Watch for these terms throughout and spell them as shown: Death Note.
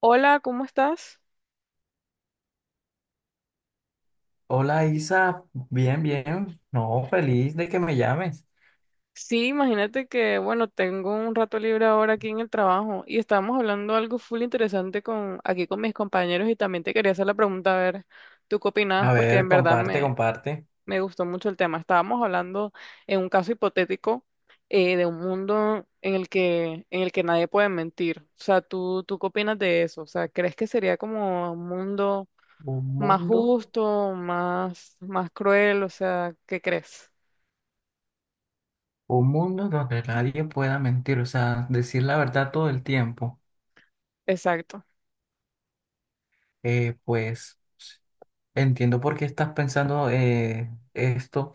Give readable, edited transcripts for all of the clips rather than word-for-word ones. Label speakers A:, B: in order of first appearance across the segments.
A: Hola, ¿cómo estás?
B: Hola Isa, bien, bien. No, feliz de que me llames.
A: Sí, imagínate que, bueno, tengo un rato libre ahora aquí en el trabajo y estábamos hablando algo full interesante con, aquí con mis compañeros y también te quería hacer la pregunta, a ver, ¿tú qué opinabas?
B: A
A: Porque
B: ver,
A: en verdad
B: comparte,
A: me,
B: comparte.
A: me gustó mucho el tema. Estábamos hablando en un caso hipotético de un mundo en el que nadie puede mentir. O sea, ¿tú qué opinas de eso? O sea, ¿crees que sería como un mundo
B: Un
A: más
B: mundo,
A: justo, más, más cruel? O sea, ¿qué crees?
B: un mundo donde nadie pueda mentir, o sea, decir la verdad todo el tiempo.
A: Exacto.
B: Pues entiendo por qué estás pensando esto,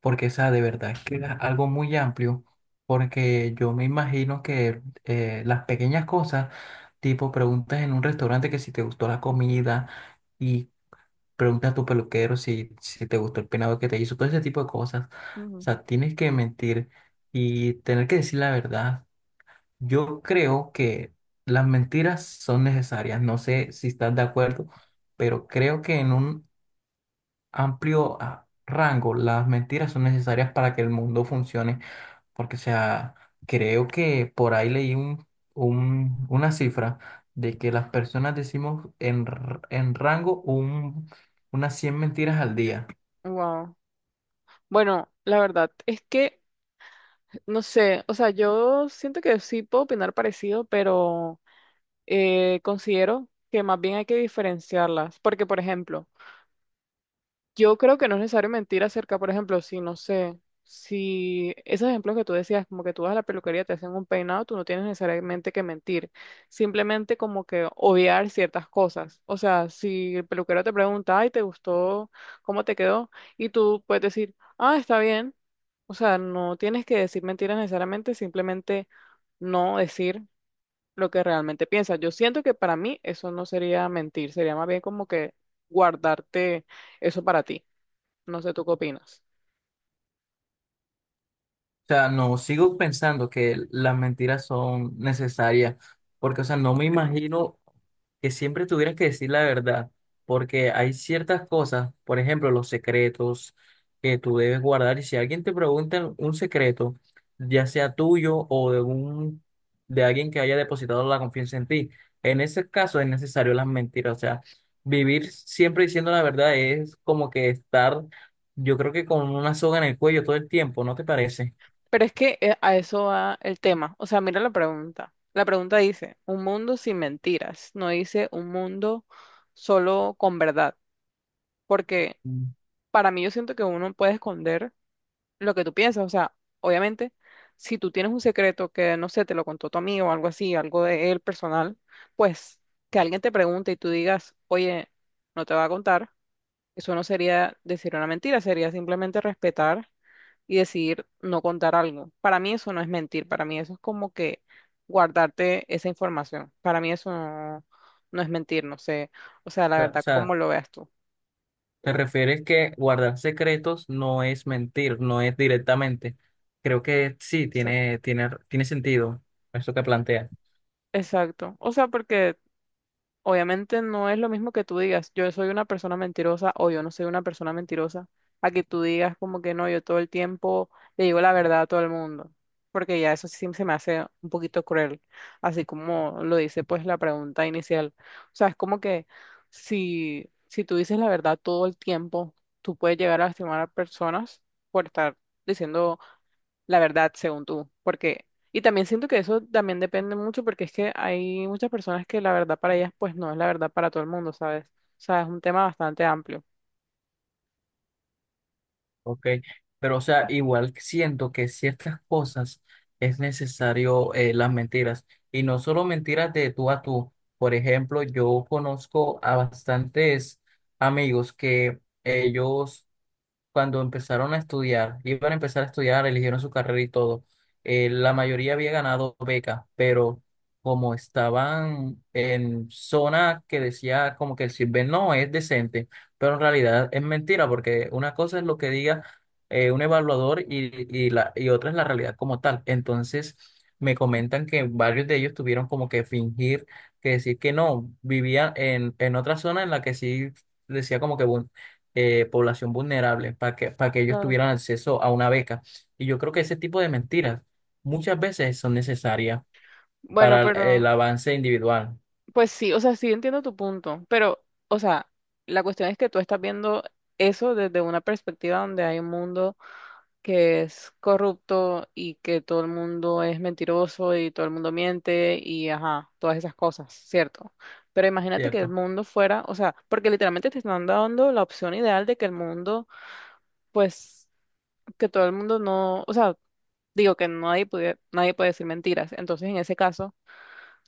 B: porque, o sea, de verdad que es algo muy amplio, porque yo me imagino que las pequeñas cosas, tipo preguntas en un restaurante que si te gustó la comida. Pregunta a tu peluquero si te gustó el peinado que te hizo, todo ese tipo de cosas. O sea, tienes que mentir y tener que decir la verdad. Yo creo que las mentiras son necesarias. No sé si estás de acuerdo, pero creo que en un amplio rango las mentiras son necesarias para que el mundo funcione porque, o sea, creo que por ahí leí una cifra de que las personas decimos en rango unas 100 mentiras al día.
A: Wow. Bueno, la verdad es que, no sé, o sea, yo siento que sí puedo opinar parecido, pero considero que más bien hay que diferenciarlas, porque, por ejemplo, yo creo que no es necesario mentir acerca, por ejemplo, si no sé, si esos ejemplos que tú decías, como que tú vas a la peluquería, te hacen un peinado, tú no tienes necesariamente que mentir, simplemente como que obviar ciertas cosas. O sea, si el peluquero te pregunta, ay, ¿te gustó? ¿Cómo te quedó? Y tú puedes decir, ah, está bien. O sea, no tienes que decir mentiras necesariamente, simplemente no decir lo que realmente piensas. Yo siento que para mí eso no sería mentir, sería más bien como que guardarte eso para ti. No sé tú qué opinas.
B: O sea, no, sigo pensando que las mentiras son necesarias, porque, o sea, no me imagino que siempre tuvieras que decir la verdad, porque hay ciertas cosas, por ejemplo, los secretos que tú debes guardar, y si alguien te pregunta un secreto, ya sea tuyo de alguien que haya depositado la confianza en ti, en ese caso es necesario las mentiras, o sea, vivir siempre diciendo la verdad es como que estar, yo creo que con una soga en el cuello todo el tiempo, ¿no te parece?
A: Pero es que a eso va el tema. O sea, mira la pregunta. La pregunta dice, un mundo sin mentiras. No dice un mundo solo con verdad. Porque
B: Mm.
A: para mí yo siento que uno puede esconder lo que tú piensas. O sea, obviamente, si tú tienes un secreto que, no sé, te lo contó tu amigo o algo así, algo de él personal, pues que alguien te pregunte y tú digas, oye, no te va a contar. Eso no sería decir una mentira, sería simplemente respetar. Y decidir no contar algo. Para mí eso no es mentir, para mí eso es como que guardarte esa información. Para mí eso no, no es mentir, no sé. O sea,
B: O
A: la
B: sea, o
A: verdad,
B: sea,
A: ¿cómo lo veas tú?
B: Te refieres que guardar secretos no es mentir, no es directamente. Creo que sí,
A: Exacto.
B: tiene sentido eso que plantea.
A: Exacto. O sea, porque obviamente no es lo mismo que tú digas, yo soy una persona mentirosa o yo no soy una persona mentirosa, a que tú digas como que no, yo todo el tiempo le digo la verdad a todo el mundo, porque ya eso sí se me hace un poquito cruel, así como lo dice pues la pregunta inicial. O sea, es como que si tú dices la verdad todo el tiempo, tú puedes llegar a lastimar a personas por estar diciendo la verdad, según tú, porque, y también siento que eso también depende mucho porque es que hay muchas personas que la verdad para ellas pues no es la verdad para todo el mundo, ¿sabes? O sea, es un tema bastante amplio.
B: Ok. Pero, o sea, igual siento que ciertas cosas es necesario las mentiras. Y no solo mentiras de tú a tú. Por ejemplo, yo conozco a bastantes amigos que ellos cuando empezaron a estudiar, iban a empezar a estudiar, eligieron su carrera y todo, la mayoría había ganado beca, pero como estaban en zona que decía como que el CISBEN no es decente, pero en realidad es mentira, porque una cosa es lo que diga un evaluador y otra es la realidad como tal. Entonces, me comentan que varios de ellos tuvieron como que fingir, que decir que no, vivían en otra zona en la que sí decía como que población vulnerable, para que ellos
A: Claro.
B: tuvieran acceso a una beca. Y yo creo que ese tipo de mentiras muchas veces son necesarias
A: Bueno,
B: para el
A: pero,
B: avance individual,
A: pues sí, o sea, sí entiendo tu punto, pero, o sea, la cuestión es que tú estás viendo eso desde una perspectiva donde hay un mundo que es corrupto y que todo el mundo es mentiroso y todo el mundo miente y ajá, todas esas cosas, ¿cierto? Pero imagínate que el
B: ¿cierto?
A: mundo fuera, o sea, porque literalmente te están dando la opción ideal de que el mundo, pues, que todo el mundo no, o sea, digo que nadie puede, nadie puede decir mentiras. Entonces, en ese caso,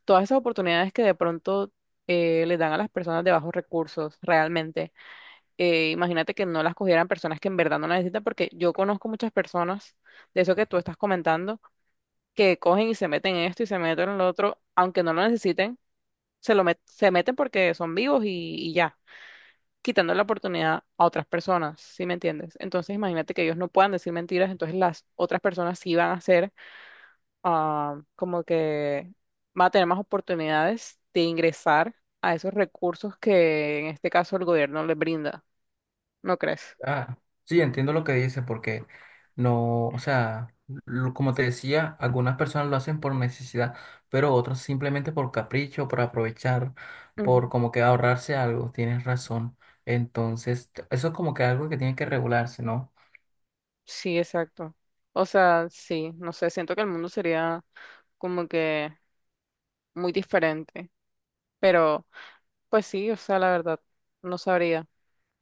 A: todas esas oportunidades que de pronto le dan a las personas de bajos recursos realmente imagínate que no las cogieran personas que en verdad no las necesitan, porque yo conozco muchas personas de eso que tú estás comentando, que cogen y se meten en esto y se meten en lo otro, aunque no lo necesiten, se meten porque son vivos y ya, quitando la oportunidad a otras personas, ¿sí me entiendes? Entonces imagínate que ellos no puedan decir mentiras, entonces las otras personas sí van a ser ah, como que van a tener más oportunidades de ingresar a esos recursos que en este caso el gobierno les brinda, ¿no crees?
B: Ah, sí, entiendo lo que dice, porque no, o sea, como te decía, algunas personas lo hacen por necesidad, pero otros simplemente por capricho, por aprovechar, por como que ahorrarse algo, tienes razón. Entonces, eso es como que algo que tiene que regularse, ¿no?
A: Sí, exacto. O sea, sí, no sé, siento que el mundo sería como que muy diferente, pero pues sí, o sea, la verdad, no sabría.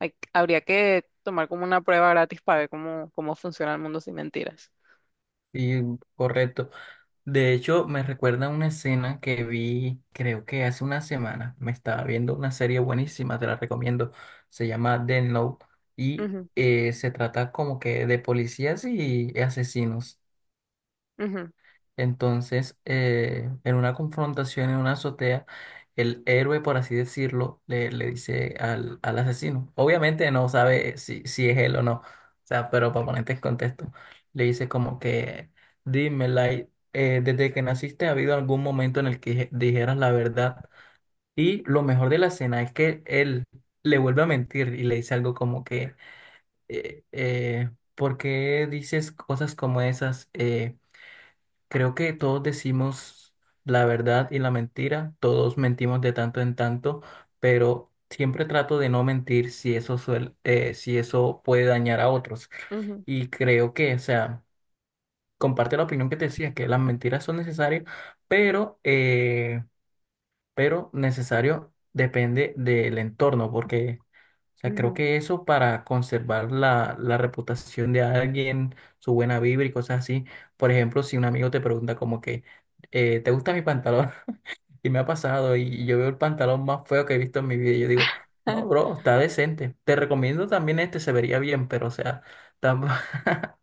A: Habría que tomar como una prueba gratis para ver cómo, cómo funciona el mundo sin mentiras.
B: Y correcto. De hecho, me recuerda una escena que vi, creo que hace una semana. Me estaba viendo una serie buenísima, te la recomiendo. Se llama Death Note y
A: Ujú,
B: se trata como que de policías y asesinos.
A: ujú,
B: Entonces, en una confrontación en una azotea, el héroe, por así decirlo, le dice al asesino. Obviamente no sabe si es él o no, o sea, pero para ponerte en contexto, le dice como que, dime, Light, desde que naciste ha habido algún momento en el que dijeras la verdad. Y lo mejor de la escena es que él le vuelve a mentir y le dice algo como que, eh, eh, ¿por qué dices cosas como esas? Creo que todos decimos la verdad y la mentira, todos mentimos de tanto en tanto, pero siempre trato de no mentir si eso si eso puede dañar a otros.
A: ujú,
B: Y creo que, o sea, comparte la opinión que te decía, que las mentiras son necesarias, pero, eh, pero necesario depende del entorno, porque o sea, creo
A: ujú.
B: que eso para conservar la reputación de alguien, su buena vibra y cosas así. Por ejemplo, si un amigo te pregunta como que, ¿te gusta mi pantalón? Y me ha pasado y yo veo el pantalón más feo que he visto en mi vida y yo digo, no, bro, está decente. Te recomiendo también este, se vería bien, pero o sea, tampoco...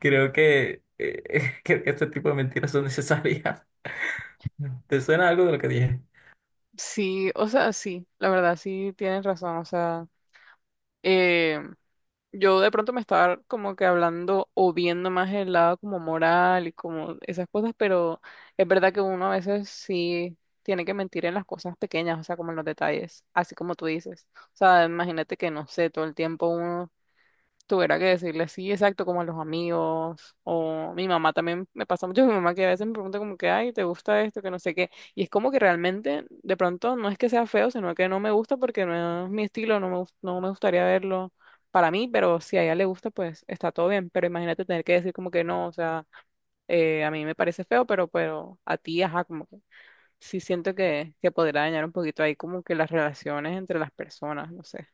B: creo que, creo que este tipo de mentiras son necesarias. ¿Te suena algo de lo que dije?
A: Sí, o sea, sí, la verdad, sí tienes razón, o sea, eh, yo de pronto me estaba como que hablando o viendo más el lado como moral y como esas cosas, pero es verdad que uno a veces sí tiene que mentir en las cosas pequeñas, o sea, como en los detalles, así como tú dices. O sea, imagínate que no sé, todo el tiempo uno tuviera que decirle sí, exacto, como a los amigos, o mi mamá también me pasa mucho, mi mamá que a veces me pregunta como que, ay, ¿te gusta esto? Que no sé qué, y es como que realmente, de pronto, no es que sea feo, sino que no me gusta porque no es mi estilo, no me gustaría verlo para mí, pero si a ella le gusta, pues está todo bien, pero imagínate tener que decir como que no, o sea, a mí me parece feo, pero a ti, ajá, como que sí siento que podrá dañar un poquito ahí como que las relaciones entre las personas, no sé.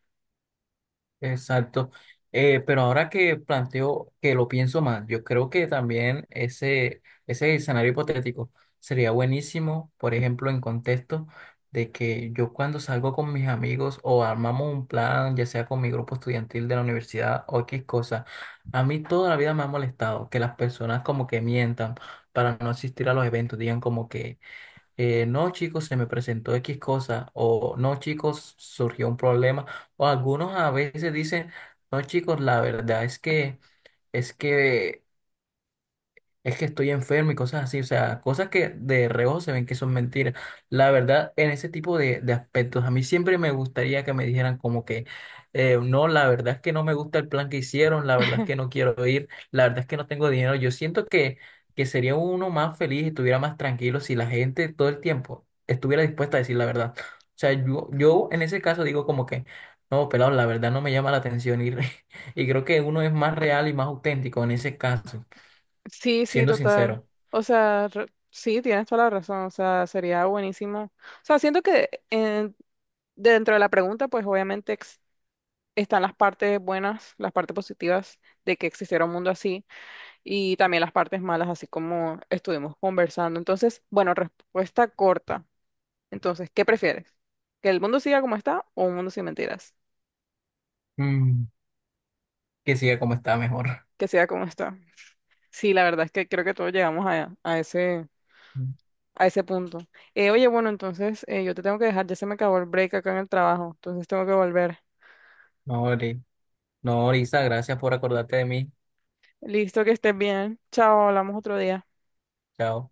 B: Exacto. Pero ahora que planteo, que lo pienso más, yo creo que también ese escenario hipotético sería buenísimo, por ejemplo, en contexto de que yo cuando salgo con mis amigos o armamos un plan, ya sea con mi grupo estudiantil de la universidad o X cosa, a mí toda la vida me ha molestado que las personas como que mientan para no asistir a los eventos, digan como que no chicos, se me presentó X cosa, o no chicos, surgió un problema, o algunos a veces dicen, no chicos, la verdad es que, es que es que estoy enfermo y cosas así, o sea, cosas que de reojo se ven que son mentiras. La verdad, en ese tipo de aspectos, a mí siempre me gustaría que me dijeran como que, no, la verdad es que no me gusta el plan que hicieron, la verdad es que no quiero ir, la verdad es que no tengo dinero. Yo siento que sería uno más feliz y estuviera más tranquilo si la gente todo el tiempo estuviera dispuesta a decir la verdad. O sea, yo en ese caso digo como que, no, pelado, la verdad no me llama la atención ir, y creo que uno es más real y más auténtico en ese caso,
A: Sí, sí,
B: siendo
A: total.
B: sincero.
A: O sea, sí, tienes toda la razón. O sea, sería buenísimo. O sea, siento que dentro de la pregunta, pues obviamente están las partes buenas, las partes positivas de que existiera un mundo así y también las partes malas, así como estuvimos conversando. Entonces, bueno, respuesta corta. Entonces, ¿qué prefieres? ¿Que el mundo siga como está o un mundo sin mentiras?
B: Mm, que siga como está mejor.
A: Que siga como está. Sí, la verdad es que creo que todos llegamos a ese. A ese punto. Oye, bueno, entonces yo te tengo que dejar, ya se me acabó el break acá en el trabajo, entonces tengo que volver.
B: No, Ori- no, Orisa, gracias por acordarte de mí.
A: Listo, que estés bien. Chao, hablamos otro día.
B: Chao.